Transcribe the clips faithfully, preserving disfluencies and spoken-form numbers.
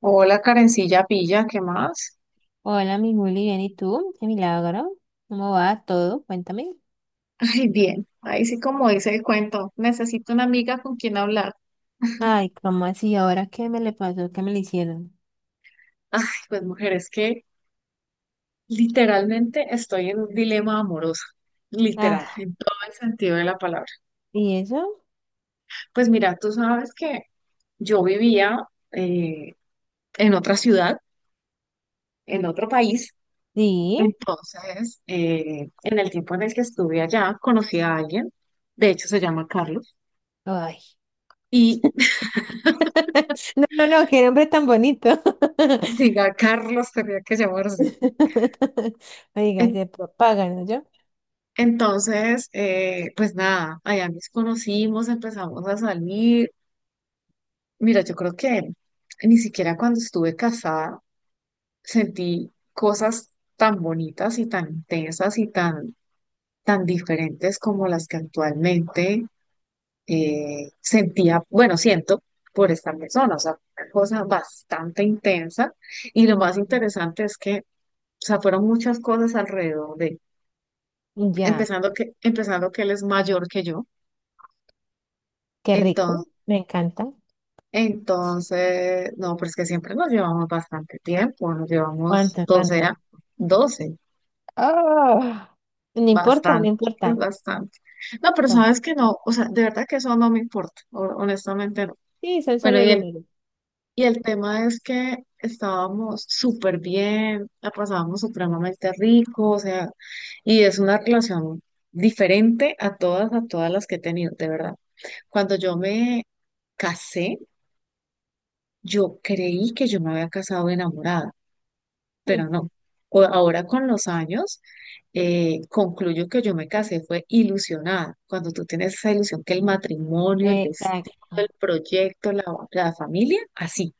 Hola, Karencilla Pilla, ¿qué más? Hola, mi Juli, bien, ¿y tú? Qué milagro. ¿Cómo va todo? Cuéntame. Ay, bien, ahí sí como dice el cuento, necesito una amiga con quien hablar. Ay, ¿cómo así? ¿Ahora qué me le pasó? ¿Qué me le hicieron? Ay, pues mujer, es que literalmente estoy en un dilema amoroso, literal, Ah, en todo el sentido de la palabra. ¿y eso? Pues mira, tú sabes que yo vivía eh, en otra ciudad, en otro país, Sí. entonces eh, en el tiempo en el que estuve allá conocí a alguien, de hecho se llama Carlos, Ay. y No, no, no, qué nombre tan bonito. diga Carlos tenía que llamarse. Oiga, se propagan, ¿no? Yo. Entonces, eh, pues nada, allá nos conocimos, empezamos a salir. Mira, yo creo que ni siquiera cuando estuve casada sentí cosas tan bonitas y tan intensas y tan, tan diferentes como las que actualmente eh, sentía, bueno, siento por esta persona, o sea, una cosa bastante intensa. Y lo más interesante es que, o sea, fueron muchas cosas alrededor de, Ujú. Ya, empezando que, empezando que él es mayor que yo. qué rico. Me encanta. Entonces, no, pues que siempre nos llevamos bastante tiempo, nos llevamos ¿Cuánto, doce cuánto? a- doce Ah, no importa, no bastante, importa. es bastante. No, pero Pues, sabes que no, o sea, de verdad que eso no me importa, ho- honestamente no. sí, son Bueno, solo y el, números. y el tema es que estábamos súper bien, la pasábamos supremamente rico, o sea, y es una relación diferente a todas, a todas las que he tenido, de verdad. Cuando yo me casé, yo creí que yo me había casado enamorada, Hmm, pero no. O- ahora con los años, eh, concluyo que yo me casé fue ilusionada. Cuando tú tienes esa ilusión que el matrimonio, el vestido, el exacto. proyecto, la, la familia, así,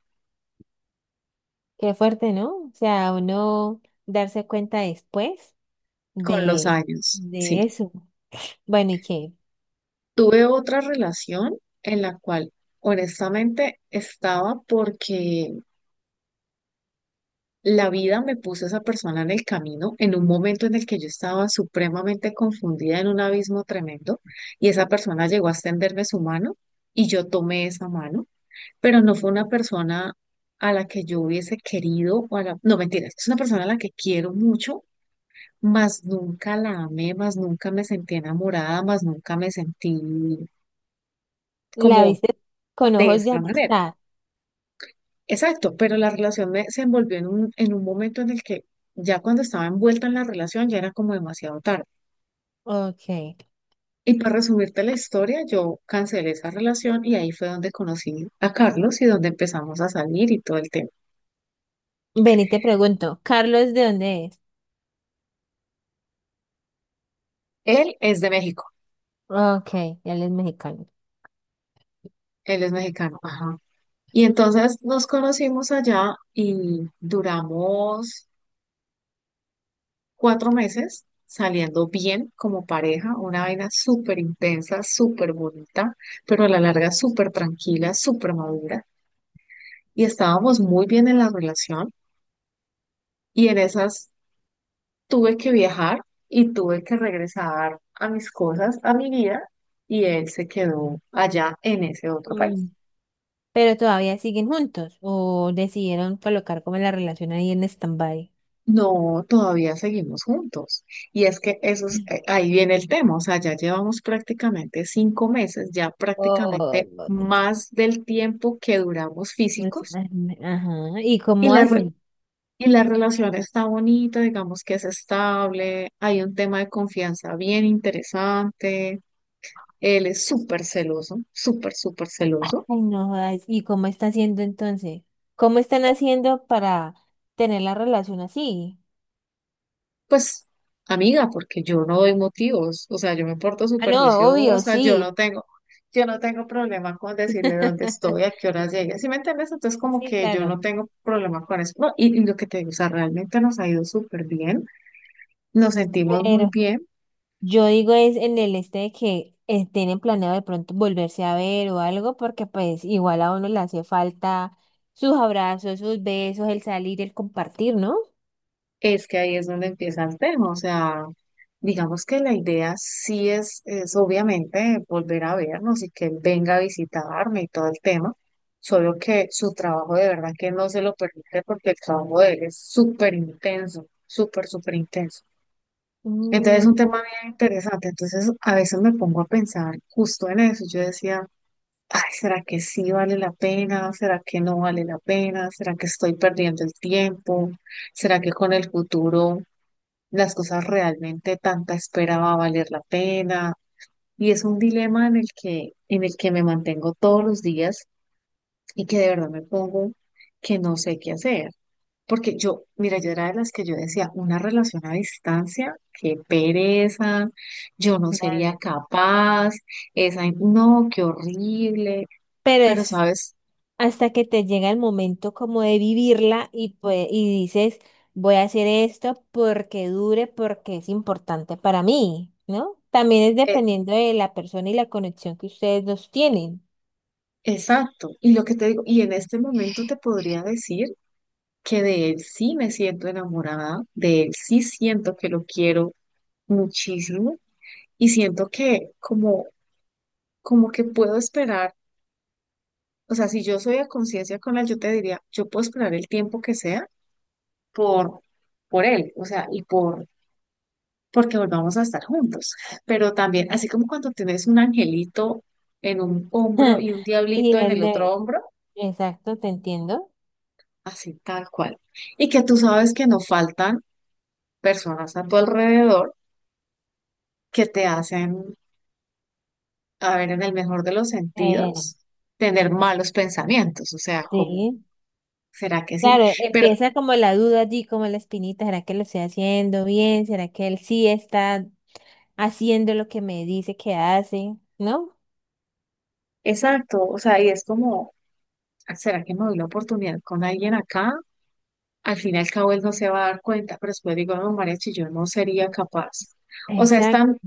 Qué fuerte, ¿no? O sea, uno darse cuenta después con los de, años, sí. de eso. Bueno, ¿y qué? Tuve otra relación en la cual honestamente estaba porque la vida me puso a esa persona en el camino en un momento en el que yo estaba supremamente confundida en un abismo tremendo y esa persona llegó a extenderme su mano y yo tomé esa mano, pero no fue una persona a la que yo hubiese querido, o a la, no, mentira, es una persona a la que quiero mucho, mas nunca la amé, más nunca me sentí enamorada, más nunca me sentí ¿La como viste con de ojos de esta manera. amistad? Exacto, pero la relación me- se envolvió en un, en un momento en el que ya cuando estaba envuelta en la relación ya era como demasiado tarde. Ok. Y para resumirte la historia, yo cancelé esa relación y ahí fue donde conocí a Carlos y donde empezamos a salir y todo el tema. Ven y te pregunto, ¿Carlos de dónde es? Él es de México, Ok, él es mexicano. él es mexicano, ajá. Y entonces nos conocimos allá y duramos cuatro meses saliendo bien como pareja, una vaina súper intensa, súper bonita, pero a la larga súper tranquila, súper madura. Y estábamos muy bien en la relación y en esas tuve que viajar y tuve que regresar a mis cosas, a mi vida, y él se quedó allá en ese otro país. Mm. ¿Pero todavía siguen juntos o decidieron colocar como la relación ahí en stand-by? No, todavía seguimos juntos. Y es que eso es, eh, ahí viene el tema, o sea, ya llevamos prácticamente cinco meses, ya Oh, prácticamente más del tiempo que duramos pues, físicos ay, me- ajá. ¿Y y cómo la, re- hacen? y la relación está bonita, digamos que es estable, hay un tema de confianza bien interesante, él es súper celoso, súper, súper celoso. Ay, no jodas. ¿Y cómo está haciendo entonces? ¿Cómo están haciendo para tener la relación así? Pues, amiga, porque yo no doy motivos, o sea, yo me porto Ah, súper no, obvio, juiciosa, yo no sí. tengo, yo no tengo problema con decirle dónde estoy, a qué hora llegué, ¿sí me entiendes? Entonces, como Sí, que yo claro. no tengo problema con eso, no, y, y lo que te digo, o sea, realmente nos ha ido súper bien, nos sentimos muy Pero bien. yo digo es en el este de que eh, tienen planeado de pronto volverse a ver o algo, porque pues igual a uno le hace falta sus abrazos, sus besos, el salir, el compartir, ¿no? Es que ahí es donde empieza el tema, o sea, digamos que la idea sí es, es obviamente volver a vernos y que él venga a visitarme y todo el tema, solo que su trabajo de verdad que no se lo permite porque el trabajo de él es súper intenso, súper, súper intenso. Entonces es Mm, un tema bien interesante, entonces a veces me pongo a pensar justo en eso, yo decía, ay, ¿será que sí vale la pena? ¿Será que no vale la pena? ¿Será que estoy perdiendo el tiempo? ¿Será que con el futuro las cosas realmente tanta espera va a valer la pena? Y es un dilema en el que, en el que me mantengo todos los días y que de verdad me pongo que no sé qué hacer. Porque yo, mira, yo era de las que yo decía, una relación a distancia, qué pereza, yo no sería claro. capaz, esa, no, qué horrible, Pero pero es sabes, hasta que te llega el momento como de vivirla y, pues, y dices, voy a hacer esto porque dure, porque es importante para mí, ¿no? También es Eh, dependiendo de la persona y la conexión que ustedes dos tienen. exacto, y lo que te digo, y en este momento te podría decir que de él sí me siento enamorada, de él sí siento que lo quiero muchísimo y siento que como, como que puedo esperar, o sea, si yo soy a conciencia con él, yo te diría, yo puedo esperar el tiempo que sea por, por él, o sea, y por, porque volvamos a estar juntos. Pero también, así como cuando tienes un angelito en un hombro y un Y diablito en el el otro de, hombro, exacto, te entiendo. así tal cual. Y que tú sabes que no faltan personas a tu alrededor que te hacen a ver, en el mejor de los Eh, sentidos, tener malos pensamientos, o sea, como, sí. ¿será que sí? Claro, Pero empieza como la duda allí, como la espinita, ¿será que lo estoy haciendo bien? ¿Será que él sí está haciendo lo que me dice que hace? ¿No? exacto, o sea, y es como, "Ah, ¿será que me doy la oportunidad con alguien acá? Al fin y al cabo él no se va a dar cuenta", pero después digo, no, Mariachi, yo no sería capaz. O sea, es Exacto. tan,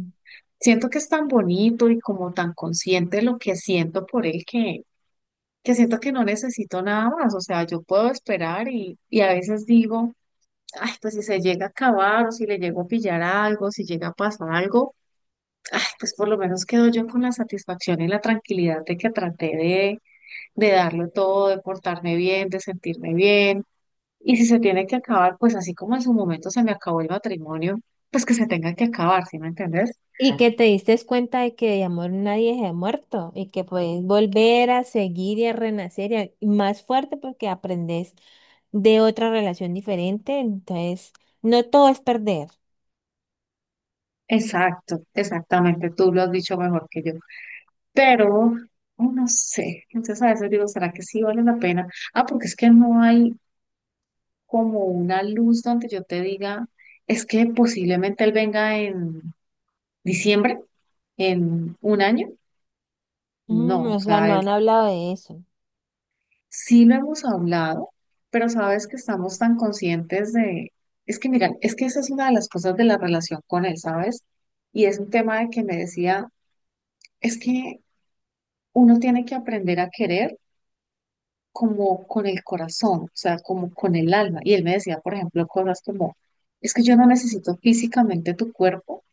siento que es tan bonito y como tan consciente lo que siento por él que, que siento que no necesito nada más, o sea, yo puedo esperar y, y a veces digo, ay, pues si se llega a acabar o si le llego a pillar algo, si llega a pasar algo, ay, pues por lo menos quedo yo con la satisfacción y la tranquilidad de que traté de, de darlo todo, de portarme bien, de sentirme bien. Y si se tiene que acabar, pues así como en su momento se me acabó el matrimonio, pues que se tenga que acabar, ¿sí me entendés? Y que te diste cuenta de que de amor nadie se ha muerto y que puedes volver a seguir y a renacer y a- y más fuerte porque aprendes de otra relación diferente. Entonces, no todo es perder. Exacto, exactamente, tú lo has dicho mejor que yo. Pero, oh, no sé, entonces a veces digo, ¿será que sí vale la pena? Ah, porque es que no hay como una luz donde yo te diga, es que posiblemente él venga en diciembre, en un año. Mm, No, o o sea, sea, no es- han hablado de eso. sí lo hemos hablado, pero sabes que estamos tan conscientes de, es que mira, es que esa es una de las cosas de la relación con él, ¿sabes? Y es un tema de que me decía, es que uno tiene que aprender a querer como con el corazón, o sea, como con el alma. Y él me decía, por ejemplo, cosas como, es que yo no necesito físicamente tu cuerpo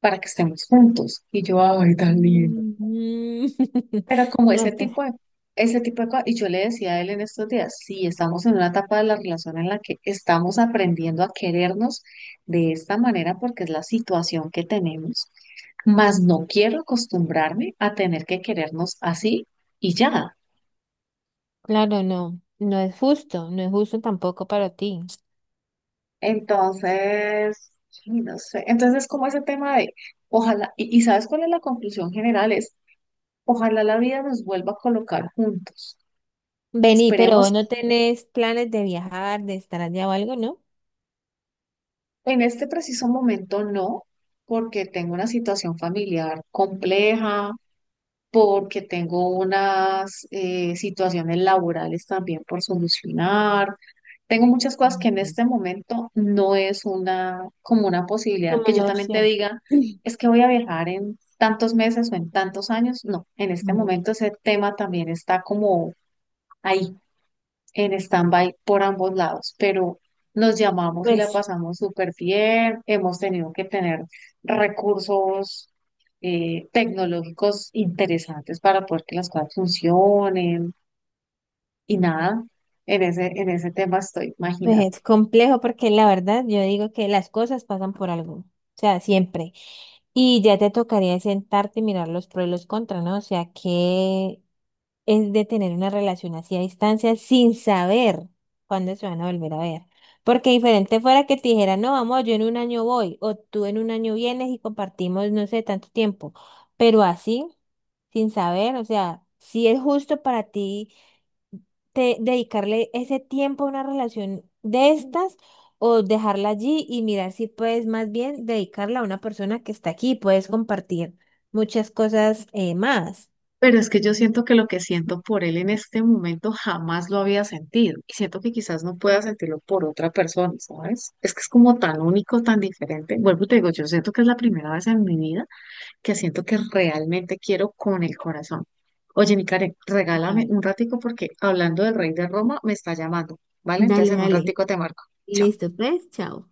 para que estemos juntos. Y yo, ay, tan lindo. Mm, Pero como ese no, pues, tipo de, ese tipo de cosas, y yo le decía a él en estos días, sí, estamos en una etapa de la relación en la que estamos aprendiendo a querernos de esta manera porque es la situación que tenemos, mas no quiero acostumbrarme a tener que querernos así y ya. claro, no. No es justo, no es justo tampoco para ti. Entonces, sí, no sé, entonces es como ese tema de, ojalá, y, y ¿sabes cuál es la conclusión general? Es, ojalá la vida nos vuelva a colocar juntos. Vení, pero Esperemos. vos no tenés planes de viajar, de estar allá o algo, ¿no? En este preciso momento no, porque tengo una situación familiar compleja, porque tengo unas eh, situaciones laborales también por solucionar. Tengo muchas cosas que en Ujú. este momento no es una como una posibilidad Como que yo una también te opción. diga, es que voy a viajar en tantos meses o en tantos años. No, en este Mm. momento ese tema también está como ahí en stand-by por ambos lados, pero nos llamamos y la Pues. pasamos súper bien. Hemos tenido que tener recursos eh, tecnológicos interesantes para poder que las cosas funcionen y nada, en ese, en ese tema estoy, Pues imagínate. es complejo porque la verdad yo digo que las cosas pasan por algo, o sea, siempre. Y ya te tocaría sentarte y mirar los pros y los contras, ¿no? O sea, que es de tener una relación así a distancia sin saber cuándo se van a volver a ver. Porque diferente fuera que te dijera, no, vamos, yo en un año voy, o tú en un año vienes y compartimos, no sé, tanto tiempo. Pero así, sin saber, o sea, si es justo para ti te- dedicarle ese tiempo a una relación de estas o dejarla allí y mirar si puedes más bien dedicarla a una persona que está aquí, puedes compartir muchas cosas eh, más. Pero es que yo siento que lo que siento por él en este momento jamás lo había sentido y siento que quizás no pueda sentirlo por otra persona, ¿sabes? Es que es como tan único, tan diferente. Vuelvo y te digo, yo siento que es la primera vez en mi vida que siento que realmente quiero con el corazón. Oye, mi Karen, regálame Vale. un ratico porque hablando del rey de Roma me está llamando, ¿vale? Dale, Entonces en un dale. ratico te marco. Chao. Listo, pues, chao.